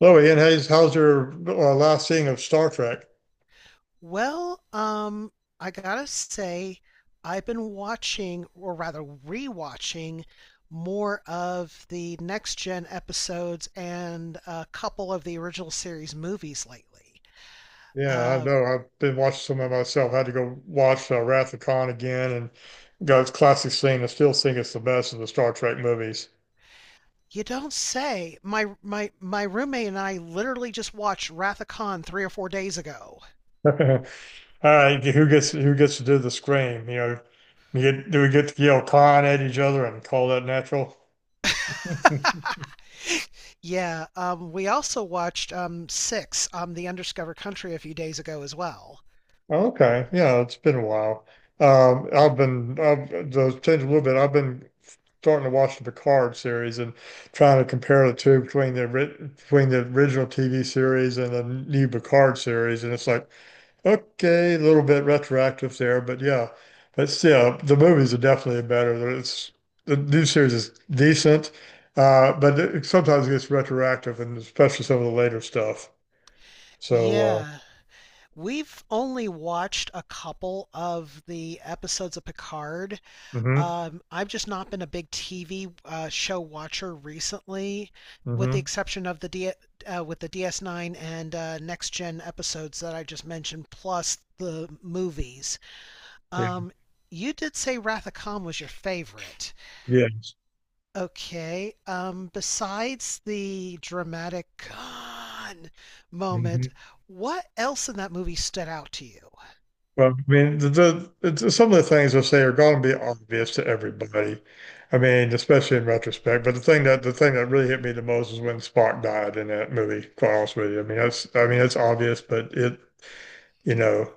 Hello, Ian. How's your last seeing of Star Trek? Well, um, I gotta say, I've been watching, or rather rewatching, more of the next gen episodes and a couple of the original series movies lately. Yeah, I Uh, know. I've been watching some of it myself. I had to go watch Wrath of Khan again and got its classic scene. I still think it's the best of the Star Trek movies. you don't say. My roommate and I literally just watched Wrath of Khan 3 or 4 days ago. All right, who gets to do the scream? You know, you get, do we get to yell Khan at each other and call that natural? Yeah, we also watched Six, The Undiscovered Country, a few days ago as well. Okay, yeah, it's been a while. I've to change a little bit. I've been starting to watch the Picard series and trying to compare the two between the between the original TV series and the new Picard series, and it's like okay, a little bit retroactive there, but yeah, but still, the movies are definitely better. It's the new series is decent, but it sometimes it gets retroactive, and especially some of the later stuff. So, Yeah. We've only watched a couple of the episodes of Picard. Mm-hmm. I've just not been a big TV show watcher recently, with the Mm-hmm. exception of with the DS9 and Next Gen episodes that I just mentioned, plus the movies. Yeah, Um, you did say Wrath of Khan was your favorite. yeah. Okay. Besides the dramatic Khan moment, Mhm. what else in that movie stood out to you? Well, I mean, it's- some of the things I say are going to be obvious to everybody. I mean, especially in retrospect. But the thing that really hit me the most is when Spock died in that movie. Quite honest with you, I mean, that's I mean, it's obvious, but it, you know,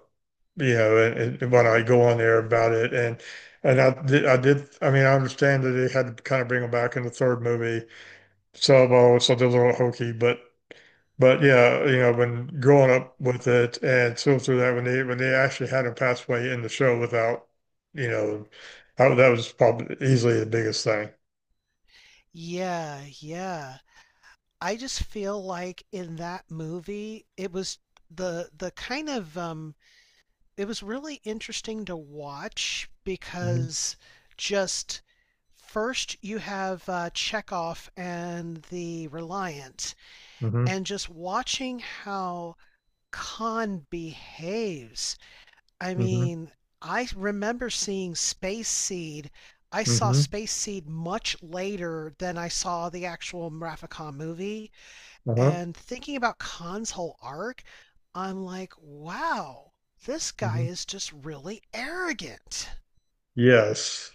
you know, and when I go on there about it, and I did, I mean, I understand that they had to kind of bring him back in the third movie, so, well, it's a little hokey, but yeah, you know, when growing up with it and still through that, when they actually had him pass away in the show without, you know, that was probably easily the biggest thing. Yeah, yeah. I just feel like in that movie, it was the kind of, it was really interesting to watch Hmm. because just first you have Chekhov and the Reliant, Hmm. and just watching how Khan behaves. I Hmm. mean, I remember seeing Space Seed. I saw Hmm. Space Seed much later than I saw the actual Mraficon movie. Uh-huh. And thinking about Khan's whole arc, I'm like, wow, this guy Hmm. is just really arrogant. Yes.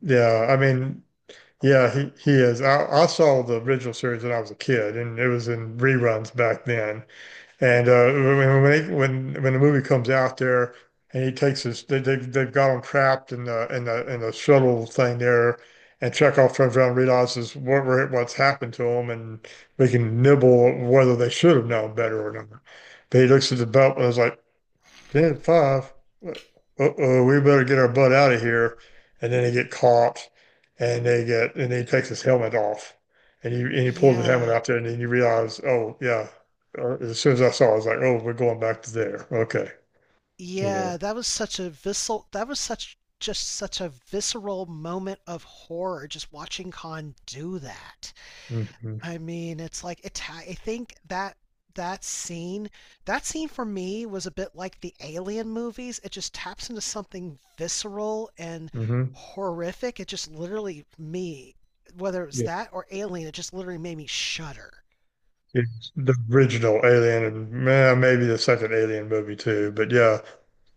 Yeah. I mean, yeah, he is. I saw the original series when I was a kid, and it was in reruns back then. And when when the movie comes out there, and he takes his they've got him trapped in the in the shuttle thing there, and Chekhov turns around and realizes what's happened to him, and we can nibble whether they should have known better or not. But he looks at the belt and is like, ten uh-oh, we better get our butt out of here. And then they get caught and they get and he takes his helmet off. And he pulls the helmet Yeah, out there and then you realize, oh yeah. As soon as I saw it, I was like, oh, we're going back to there. Okay. You know. yeah, that was such just such a visceral moment of horror just watching Khan do that. Hmm. I mean, it's like, I think that that scene, that scene for me was a bit like the Alien movies. It just taps into something visceral and Hmm. horrific. It just literally me, Whether it was Yeah. that or Alien, it just literally made me shudder. It's the original Alien and maybe the second Alien movie too. But yeah.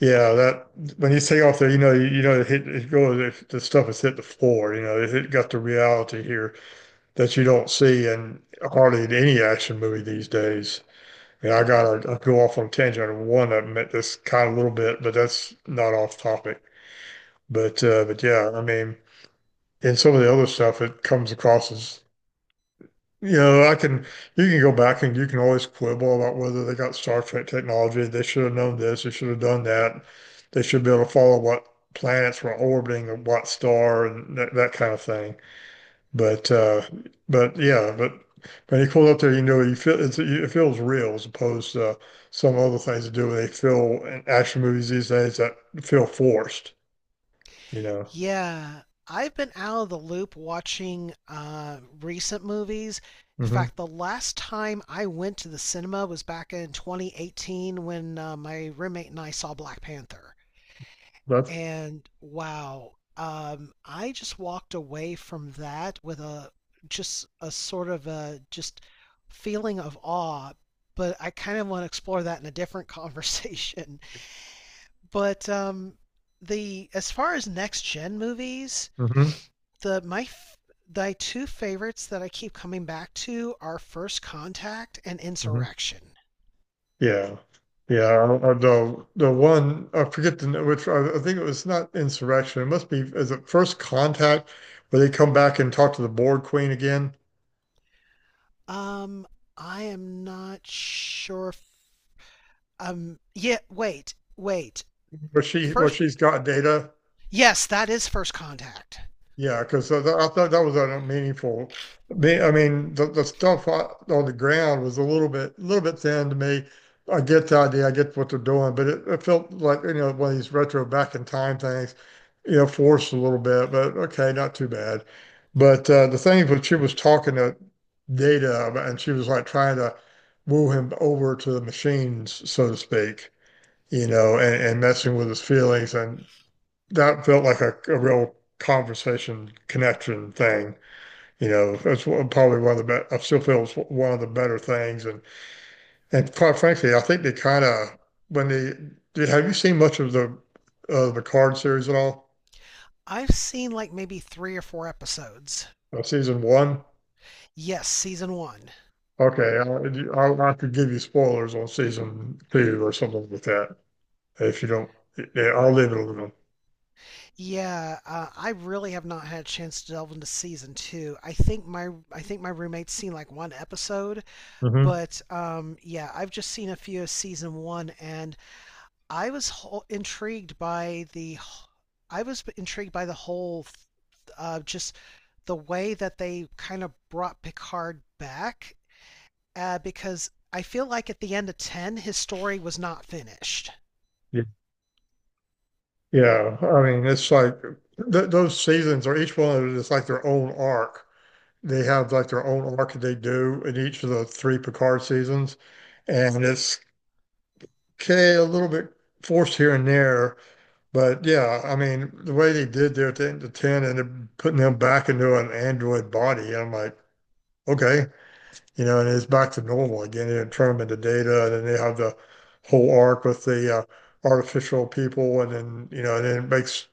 Yeah, that when you take off there, you know, it hit, it goes, it, the stuff has hit the floor. You know, it got the reality here. That you don't see in hardly in any action movie these days. And I got to go off on a tangent on one of them at this kind of little bit, but that's not off topic. But yeah, I mean, in some of the other stuff, it comes across as you know, I can you can go back and you can always quibble about whether they got Star Trek technology. They should have known this. They should have done that. They should be able to follow what planets were orbiting what star and that kind of thing. But uh, but yeah, but when you pull up there, you know it feels real as opposed to some other things to do where they feel in action movies these days that feel forced. You know. Yeah, I've been out of the loop watching recent movies. In Hmm. fact, the last time I went to the cinema was back in 2018 when my roommate and I saw Black Panther. That's. And wow, I just walked away from that with a just a sort of a just feeling of awe, but I kind of want to explore that in a different conversation. But the as far as next gen movies, Hmm. the my two favorites that I keep coming back to are First Contact and Hmm. Insurrection. Yeah. Yeah. The one I forget the name, which I think it was not Insurrection. It must be is it First Contact where they come back and talk to the board queen again, Um, I am not sure if, yeah, wait, wait. where she where First, she's got data. yes, that is First Contact. Yeah, because I thought that was a meaningful. I mean, the stuff on the ground was a little bit thin to me. I get the idea, I get what they're doing, but it felt like you know one of these retro back in time things, you know, forced a little bit. But okay, not too bad. But the thing when she was talking to Data, about- and she was like trying to woo him over to the machines, so to speak, you know, and messing with his feelings, and that felt like a real conversation connection thing. You know, that's one- probably one of the best. I still feel it's one of the better things. And quite frankly, I think they kind of when they did. Have you seen much of the card series at all? I've seen like maybe three or four episodes. Season one? Yes, season one. Okay, I could give you spoilers on season two or something like that if you don't. Yeah, I'll leave it alone. Yeah, I really have not had a chance to delve into season two. I think my roommate's seen like one episode, Hmm. but yeah, I've just seen a few of season one, and I was ho- intrigued by the I was intrigued by the whole, just the way that they kind of brought Picard back, because I feel like at the end of 10, his story was not finished. Yeah. Yeah, I mean, it's like th those seasons are each one of them is like their own arc they have like their own arc that they do in each of the three Picard seasons, and it's okay a little bit forced here and there, but yeah, I mean the way they did there at the end of ten and they're putting them back into an android body, and I'm like, okay, you know, and it's back to normal again. They turn them into data, and then they have the whole arc with the artificial people, and then you know, and then it makes.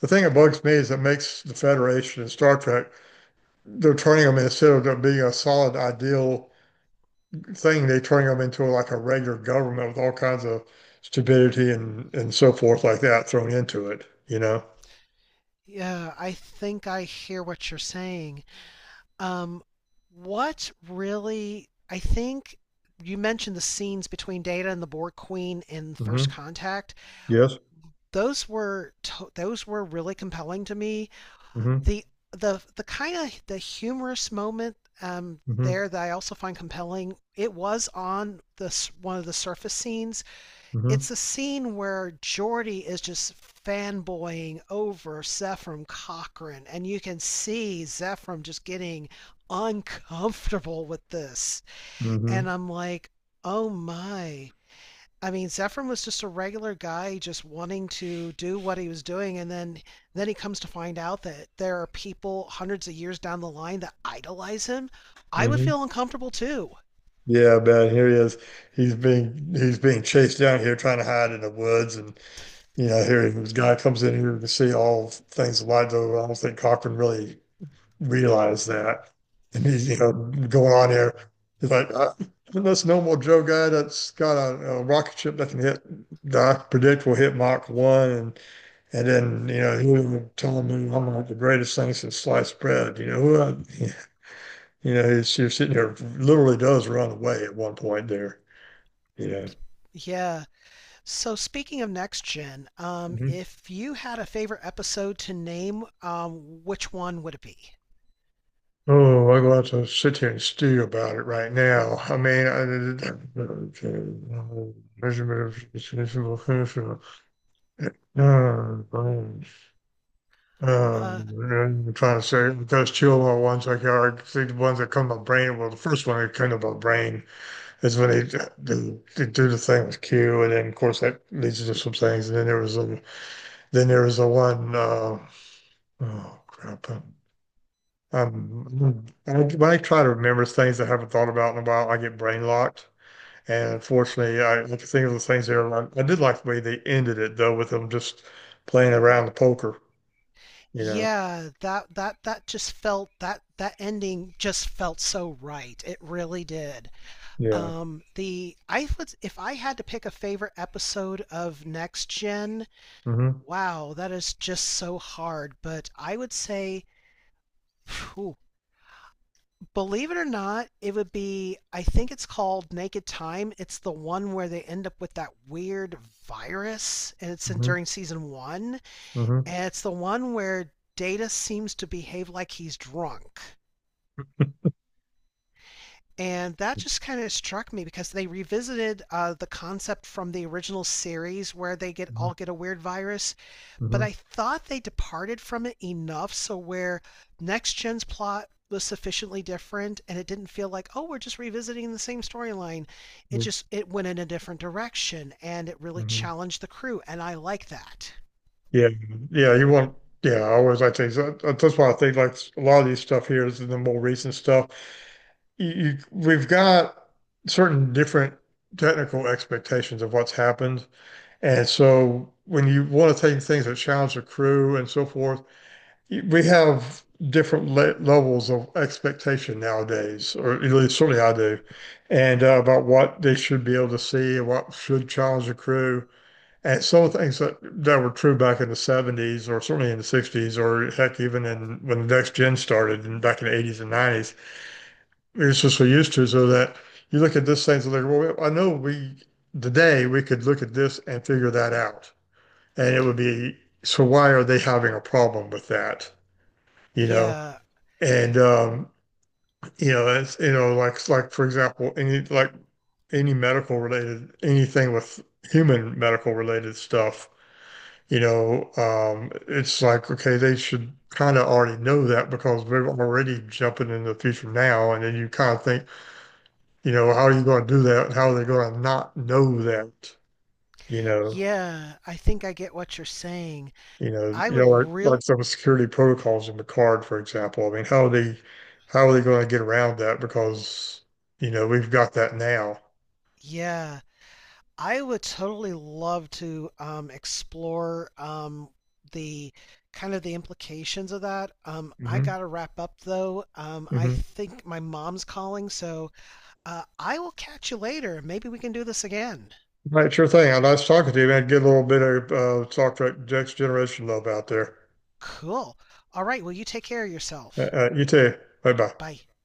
The thing that bugs me is it makes the Federation and Star Trek, they're turning them instead of there being a solid ideal thing, they turn them into like a regular government with all kinds of stupidity and so forth like that thrown into it, you know? Yeah, I think I hear what you're saying. Um, what really, I think you mentioned the scenes between Data and the Borg Queen in First Hmm. Contact. Yes. Those were really compelling to me. Hmm. The the the kind of the humorous moment Hmm. there, that I also find compelling. It was on this one of the surface scenes. Hmm. It's a scene where Geordie is just fanboying over Zephram Cochrane, and you can see Zephram just getting uncomfortable with this. Hmm. And I'm like, oh my, I mean, Zephyrin was just a regular guy just wanting to do what he was doing, and then he comes to find out that there are people hundreds of years down the line that idolize him. I would Hmm. feel uncomfortable too. Yeah, man, here he is. He's being chased down here trying to hide in the woods and you know, here this guy comes in here to see all things alive, though I don't think Cochran really realized that. And he's, you know, going on here. He's like, this normal Joe guy that's got a rocket ship that can hit, that I predict will hit Mach 1. And then, you know, he was telling me I'm like the greatest thing since sliced bread. You know, you're sitting there, literally does run away at one point there. Yeah. Yeah. So speaking of next gen, Mhm. if you had a favorite episode to name, which one would it be? Oh, I'm going to have to sit here and stew about it right now. Measurement of Uh, um, Uh, and I'm trying to say those two little ones like are the ones that come about brain. Well, the first one that came about brain is when they do the thing with Q, and then of course that leads to some things. And then there was a then there was the one oh crap. I, when I try to remember things I haven't thought about in a while, I get brain locked. And unfortunately, I like to think of the things there. I did like the way they ended it though, with them just playing around the poker, you know. yeah, that ending just felt so right. It really did. Yeah. The I would, if I had to pick a favorite episode of Next Gen, Mm-hmm. wow, that is just so hard. But I would say, phew, believe it or not, it would be. I think it's called Naked Time. It's the one where they end up with that weird virus, and it's in Mm-hmm. during season one. Mm-hmm. And it's the one where Data seems to behave like he's drunk. And that just kind of struck me because they revisited the concept from the original series where they get Mm-hmm. all get a weird virus, but I Mm-hmm. thought they departed from it enough so where next gen's plot was sufficiently different and it didn't feel like, oh, we're just revisiting the same storyline. It went in a different direction and it really Mm-hmm. challenged the crew, and I like that. Yeah. Yeah. Yeah, I always like That's why I think like a lot of these stuff here is the more recent stuff. We've got certain different technical expectations of what's happened. And so when you want to take things that challenge the crew and so forth, we have different le levels of expectation nowadays, or at least certainly I do, and about what they should be able to see and what should challenge the crew. And some of the things that were true back in the 70s, or certainly in the 60s, or heck, even in when the next gen started and back in the 80s and 90s, we were just so used to so that you look at this thing and like, well, I know we today we could look at this and figure that out. And it would be, so why are they having a problem with that? You know, Yeah, and you know, it's you know, like for example, any medical related anything with human medical related stuff, you know, it's like okay, they should kind of already know that because they're already jumping into the future now, and then you kind of think, you know, how are you going to do that? How are they going to not know that? You know, yeah, I think I get what you're saying. you know, I you know, would like real some security protocols in the card, for example. I mean, how are they going to get around that? Because, you know, we've got that now. Yeah, I would totally love to explore, the kind of the implications of that. I Hmm. gotta wrap up though. I Hmm. think my mom's calling, so I will catch you later. Maybe we can do this again. Right, sure thing. I nice talking to you, man. Get a little bit of Star Trek Next Generation love out there. Cool. All right. Well, you take care of yourself. You too. Bye bye. Bye.